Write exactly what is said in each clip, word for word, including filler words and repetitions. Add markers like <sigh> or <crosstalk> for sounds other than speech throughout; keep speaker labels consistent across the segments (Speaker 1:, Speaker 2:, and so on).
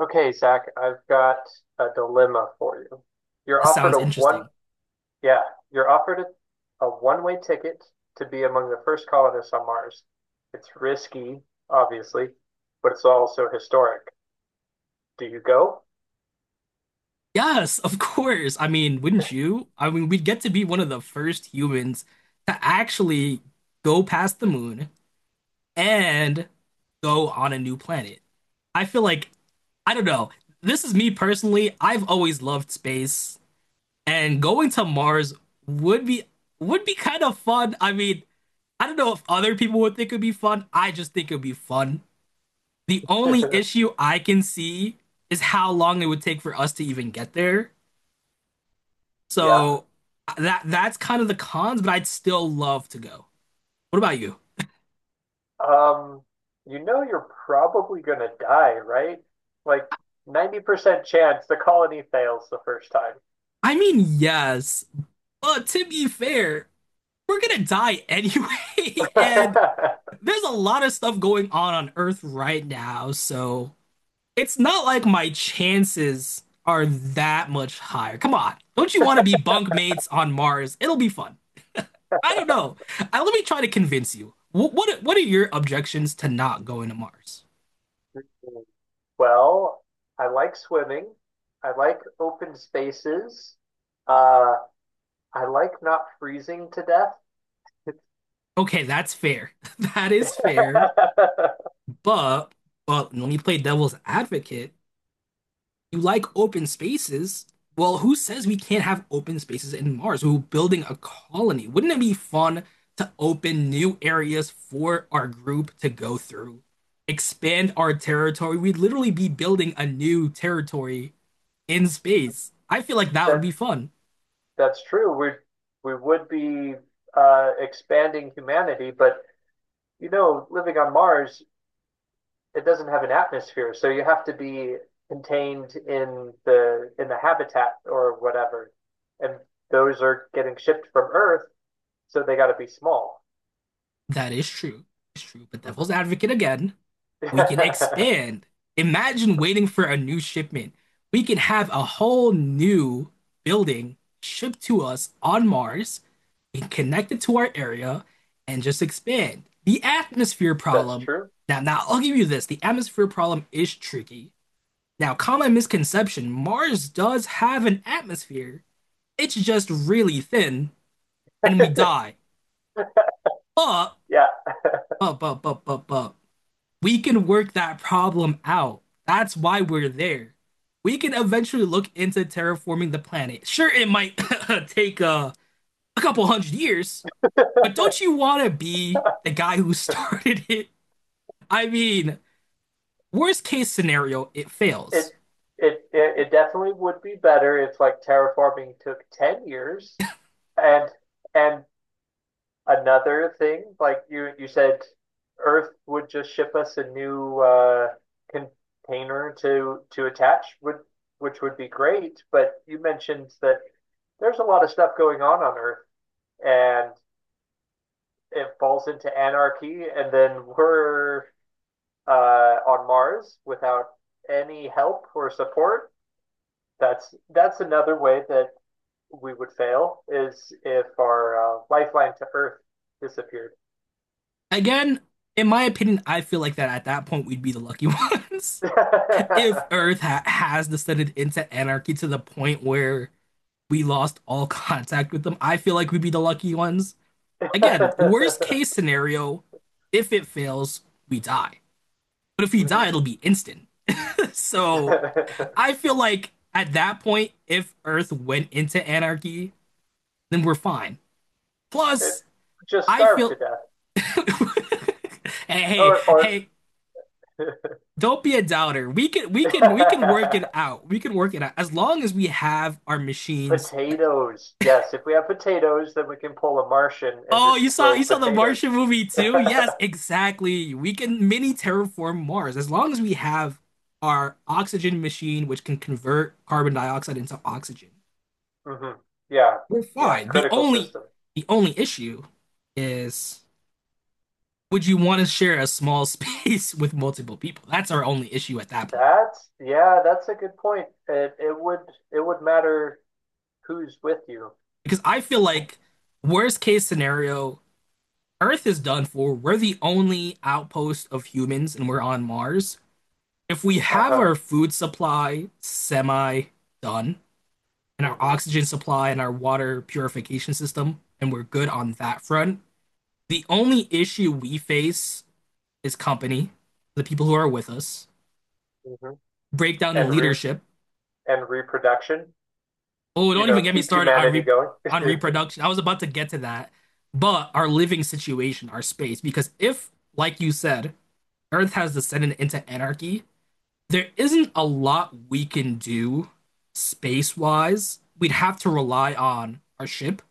Speaker 1: Okay, Zach, I've got a dilemma for you. You're
Speaker 2: This
Speaker 1: offered
Speaker 2: sounds
Speaker 1: a one,
Speaker 2: interesting.
Speaker 1: yeah, you're offered a, a one-way ticket to be among the first colonists on Mars. It's risky, obviously, but it's also historic. Do you go?
Speaker 2: Yes, of course. I mean, wouldn't you? I mean, we'd get to be one of the first humans to actually go past the moon and go on a new planet. I feel like, I don't know. This is me personally. I've always loved space, and going to Mars would be would be kind of fun. I mean, I don't know if other people would think it'd be fun. I just think it'd be fun. The only
Speaker 1: <laughs>
Speaker 2: issue I can see is how long it would take for us to even get there.
Speaker 1: Yeah.
Speaker 2: So that that's kind of the cons, but I'd still love to go. What about you?
Speaker 1: Um, you know you're probably gonna die, right? Like ninety percent chance the colony fails the first time.
Speaker 2: I mean, yes, but to be fair, we're gonna die anyway, <laughs> and
Speaker 1: <laughs>
Speaker 2: there's a lot of stuff going on on Earth right now, so it's not like my chances are that much higher. Come on, don't you want to be bunk mates on Mars? It'll be fun. I don't know. I, let me try to convince you. What, what what are your objections to not going to Mars?
Speaker 1: Well, I like swimming. I like open spaces. Uh, I like not freezing to death.
Speaker 2: Okay, that's fair. <laughs> That is fair.
Speaker 1: <laughs>
Speaker 2: But but when you play devil's advocate, you like open spaces. Well, who says we can't have open spaces in Mars? We're building a colony. Wouldn't it be fun to open new areas for our group to go through? Expand our territory. We'd literally be building a new territory in space. I feel like that would
Speaker 1: That
Speaker 2: be fun.
Speaker 1: that's true. We we would be uh, expanding humanity, but you know, living on Mars, it doesn't have an atmosphere, so you have to be contained in the in the habitat or whatever. And those are getting shipped from Earth, so they got to be small.
Speaker 2: That is true. It's true. But devil's
Speaker 1: Hmm.
Speaker 2: advocate again, we can
Speaker 1: <laughs>
Speaker 2: expand. Imagine waiting for a new shipment. We can have a whole new building shipped to us on Mars and connected to our area and just expand. The atmosphere
Speaker 1: That's
Speaker 2: problem.
Speaker 1: true. <laughs>
Speaker 2: Now, now I'll give you this. The atmosphere problem is tricky. Now, common misconception, Mars does have an atmosphere. It's just really thin and we die. But,
Speaker 1: Yeah,
Speaker 2: but, but, but, but, but. We can work that problem out. That's why we're there. We can eventually look into terraforming the planet. Sure, it might <coughs> take uh, a couple hundred years, but don't you want to be the guy who <laughs> started it? I mean, worst case scenario, it fails.
Speaker 1: it, it it it definitely would be better if like terraforming took ten years. And and another thing, like you you said Earth would just ship us a new uh container to to attach would which would be great, but you mentioned that there's a lot of stuff going on on Earth and it falls into anarchy and then we're uh on Mars without any help or support. That's that's another way that we would fail is if our uh, lifeline to Earth disappeared.
Speaker 2: Again, in my opinion, I feel like that at that point we'd be the lucky ones. <laughs> If Earth
Speaker 1: <laughs>
Speaker 2: ha has descended into anarchy to the point where we lost all <laughs> contact with them, I feel like we'd be the lucky ones. Again, worst case scenario, if it fails, we die. But if we die,
Speaker 1: Mhm.
Speaker 2: it'll be instant. <laughs> So I
Speaker 1: <laughs>
Speaker 2: feel like at that point, if Earth went into anarchy, then we're fine.
Speaker 1: It
Speaker 2: Plus,
Speaker 1: just
Speaker 2: I
Speaker 1: starved to
Speaker 2: feel
Speaker 1: death,
Speaker 2: <laughs> hey, hey,
Speaker 1: or or
Speaker 2: hey, don't be a doubter. We can we can we can work it
Speaker 1: <laughs>
Speaker 2: out. We can work it out as long as we have our machines.
Speaker 1: potatoes. Yes, if we have potatoes, then we can pull a Martian and
Speaker 2: Oh,
Speaker 1: just
Speaker 2: you saw
Speaker 1: grow
Speaker 2: you saw the
Speaker 1: potatoes.
Speaker 2: Martian
Speaker 1: <laughs>
Speaker 2: movie too? Yes, exactly. We can mini terraform Mars as long as we have our oxygen machine, which can convert carbon dioxide into oxygen.
Speaker 1: Hmm. Yeah,
Speaker 2: We're
Speaker 1: yeah.
Speaker 2: fine. The
Speaker 1: Critical
Speaker 2: only
Speaker 1: system.
Speaker 2: the only issue is, would you want to share a small <laughs> space with multiple people? That's our only issue at that point.
Speaker 1: That's Yeah. That's a good point. It it would it would matter who's with you.
Speaker 2: Because I feel like worst case scenario, Earth is done for. We're the only outpost of humans and we're on Mars. If we have
Speaker 1: Uh-huh.
Speaker 2: our food supply semi done and our
Speaker 1: Hmm.
Speaker 2: oxygen supply and our water purification system, and we're good on that front, the only issue we face is company, the people who are with us,
Speaker 1: Hmm.
Speaker 2: breakdown in
Speaker 1: And re
Speaker 2: leadership.
Speaker 1: and reproduction,
Speaker 2: Oh,
Speaker 1: you
Speaker 2: don't
Speaker 1: know,
Speaker 2: even get me
Speaker 1: keep
Speaker 2: started on
Speaker 1: humanity
Speaker 2: re
Speaker 1: going.
Speaker 2: on
Speaker 1: <laughs>
Speaker 2: reproduction. I was about to get to that, but our living situation, our space, because if, like you said, Earth has descended into anarchy, there isn't a lot we can do space-wise. We'd have to rely on our ship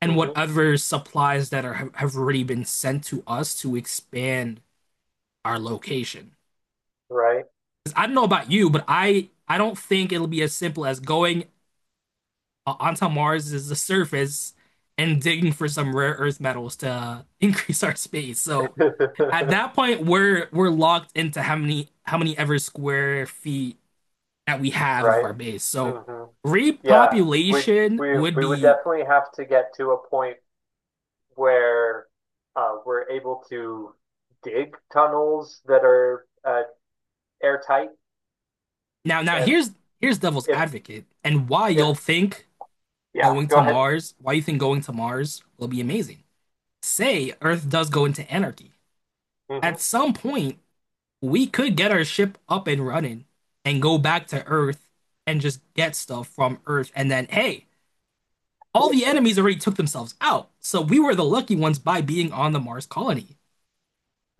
Speaker 2: and
Speaker 1: Hmm.
Speaker 2: whatever supplies that are have already been sent to us to expand our location.
Speaker 1: Right.
Speaker 2: I don't know about you, but I I don't think it'll be as simple as going uh, onto Mars's surface and digging for some rare earth metals to <laughs> increase our space. So at
Speaker 1: <laughs>
Speaker 2: that point, we're we're locked into how many how many ever square feet that we have of
Speaker 1: Right.
Speaker 2: our base. So
Speaker 1: Hmm. Yeah. We
Speaker 2: repopulation
Speaker 1: we
Speaker 2: would
Speaker 1: we would
Speaker 2: be
Speaker 1: definitely have to get to a point where uh, we're able to dig tunnels that are uh, airtight.
Speaker 2: now now
Speaker 1: And
Speaker 2: here's here's devil's
Speaker 1: if
Speaker 2: advocate and why
Speaker 1: if
Speaker 2: you'll think
Speaker 1: Yeah,
Speaker 2: going
Speaker 1: go
Speaker 2: to
Speaker 1: ahead.
Speaker 2: Mars, why you think going to Mars will be amazing. Say Earth does go into anarchy. At
Speaker 1: Hmm.
Speaker 2: some point, we could get our ship up and running and go back to Earth and just get stuff from Earth and then hey, all the enemies already took themselves out. So we were the lucky ones by being on the Mars colony.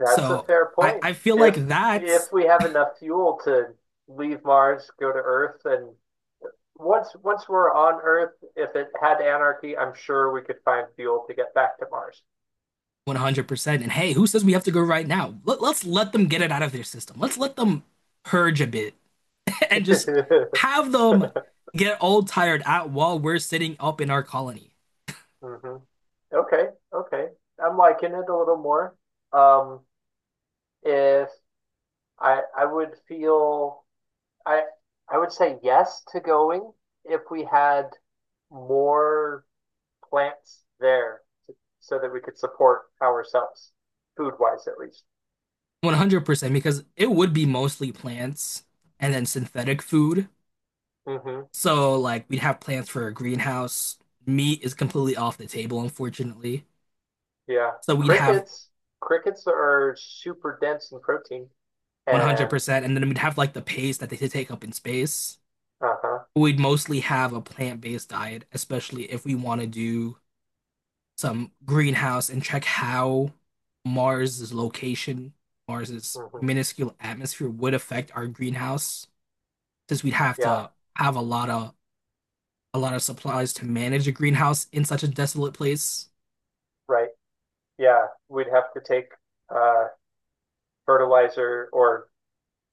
Speaker 1: That's a
Speaker 2: So
Speaker 1: fair
Speaker 2: I,
Speaker 1: point.
Speaker 2: I feel like
Speaker 1: If
Speaker 2: that's
Speaker 1: if we have enough fuel to leave Mars, go to Earth, and once once we're on Earth, if it had anarchy, I'm sure we could find fuel to get back to Mars.
Speaker 2: one hundred percent. And hey, who says we have to go right now? Let, let's let them get it out of their system. Let's let them purge a bit <laughs> and just
Speaker 1: <laughs>
Speaker 2: have them get all tired out while we're sitting up in our colony.
Speaker 1: Hmm. Okay, okay. I'm liking it a little more. Um, if I I would feel I I would say yes to going if we had more plants there so that we could support ourselves, food wise at least.
Speaker 2: one hundred percent, because it would be mostly plants and then synthetic food.
Speaker 1: Hmm.
Speaker 2: So, like, we'd have plants for a greenhouse. Meat is completely off the table, unfortunately.
Speaker 1: Yeah.
Speaker 2: So, we'd have
Speaker 1: Crickets. Crickets are super dense in protein. And
Speaker 2: one hundred percent, and then we'd have like the paste that they could take up in space.
Speaker 1: Uh-huh.
Speaker 2: We'd mostly have a plant-based diet, especially if we want to do some greenhouse and check how Mars's location, Mars's
Speaker 1: Hmm.
Speaker 2: minuscule atmosphere would affect our greenhouse, since we'd have
Speaker 1: Yeah,
Speaker 2: to have a lot of a lot of supplies to manage a greenhouse in such a desolate place.
Speaker 1: right. Yeah, we'd have to take uh fertilizer or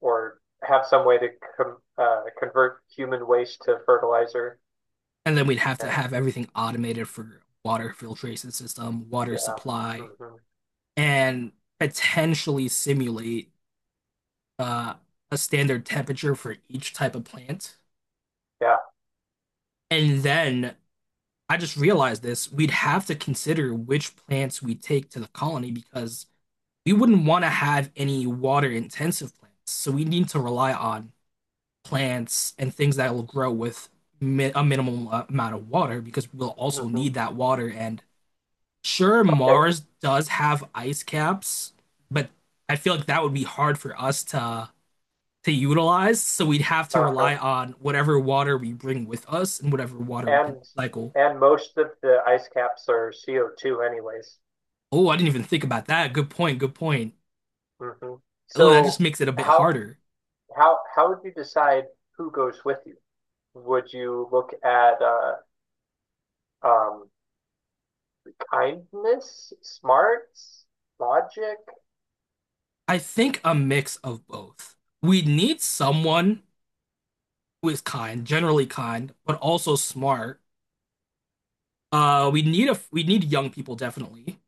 Speaker 1: or have some way to com uh convert human waste to fertilizer.
Speaker 2: And then we'd have to
Speaker 1: And
Speaker 2: have everything automated for water filtration system, water
Speaker 1: Yeah.
Speaker 2: supply,
Speaker 1: Hmm.
Speaker 2: and potentially simulate uh, a standard temperature for each type of plant.
Speaker 1: Yeah.
Speaker 2: And then I just realized this, we'd have to consider which plants we take to the colony because we wouldn't want to have any water intensive plants. So we need to rely on plants and things that will grow with mi a minimum uh, amount of water because we'll also
Speaker 1: Hmm.
Speaker 2: need that water. And sure,
Speaker 1: Okay.
Speaker 2: Mars does have ice caps, but I feel like that would be hard for us to to utilize. So we'd have to
Speaker 1: Uh-huh.
Speaker 2: rely on whatever water we bring with us and whatever water we can
Speaker 1: And
Speaker 2: recycle.
Speaker 1: and most of the ice caps are C O two anyways.
Speaker 2: Oh, I didn't even think about that. Good point. Good point.
Speaker 1: Hmm.
Speaker 2: Oh, that just
Speaker 1: So
Speaker 2: makes it a bit
Speaker 1: how
Speaker 2: harder.
Speaker 1: how how would you decide who goes with you? Would you look at uh, um, kindness, smarts, logic?
Speaker 2: I think a mix of both. We need someone who is kind, generally kind, but also smart. Uh, we need a we need young people definitely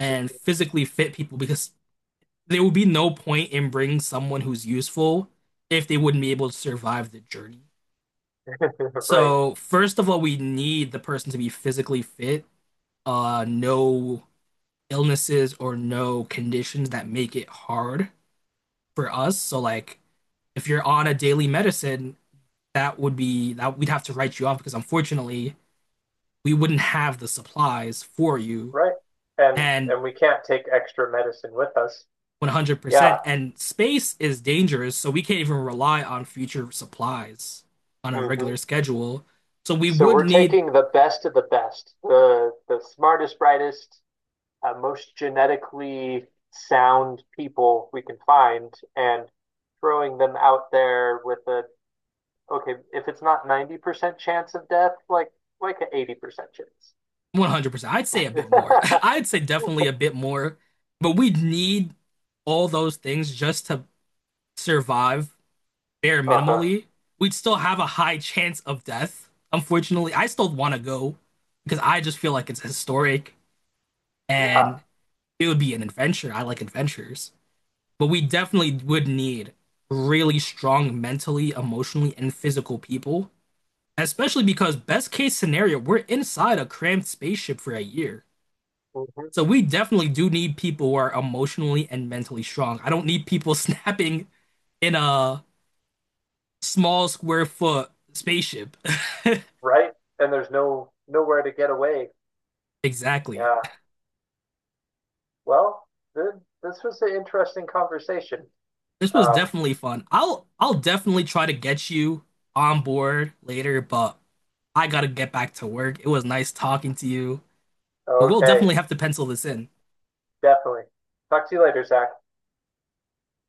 Speaker 2: and
Speaker 1: <laughs>
Speaker 2: physically fit people because there will be no point in bringing someone who's useful if they wouldn't be able to survive the journey.
Speaker 1: Right,
Speaker 2: So, first of all, we need the person to be physically fit, uh, no illnesses or no conditions that make it hard for us. So like if you're on a daily medicine, that would be that we'd have to write you off because unfortunately we wouldn't have the supplies for you
Speaker 1: right. And
Speaker 2: and
Speaker 1: and we can't take extra medicine with us. Yeah.
Speaker 2: one hundred percent and space is dangerous so we can't even rely on future supplies on a
Speaker 1: Hmm.
Speaker 2: regular schedule so we
Speaker 1: So
Speaker 2: would
Speaker 1: we're
Speaker 2: need
Speaker 1: taking the best of the best, the the smartest, brightest, uh, most genetically sound people we can find, and throwing them out there with a, okay, if it's not ninety percent chance of death, like like an eighty percent chance.
Speaker 2: one hundred percent. I'd say a bit
Speaker 1: <laughs>
Speaker 2: more <laughs> I'd say definitely a bit more but we'd need all those things just to survive bare
Speaker 1: Uh-huh.
Speaker 2: minimally, we'd still have a high chance of death. Unfortunately, I still want to go because I just feel like it's historic
Speaker 1: Yeah.
Speaker 2: and it would be an adventure. I like adventures. But we definitely would need really strong mentally, emotionally, and physical people, especially because, best case scenario, we're inside a cramped spaceship for a year.
Speaker 1: Hmm.
Speaker 2: So we definitely do need people who are emotionally and mentally strong. I don't need people <laughs> snapping in a small square foot spaceship.
Speaker 1: Right? And there's no nowhere to get away.
Speaker 2: Exactly.
Speaker 1: Yeah. Well, th this was an interesting conversation.
Speaker 2: This was
Speaker 1: Um,
Speaker 2: definitely fun. I'll I'll definitely try to get you on board later, but I gotta get back to work. It was nice talking to you, but we'll
Speaker 1: okay,
Speaker 2: definitely have to pencil this in.
Speaker 1: definitely. Talk to you later, Zach.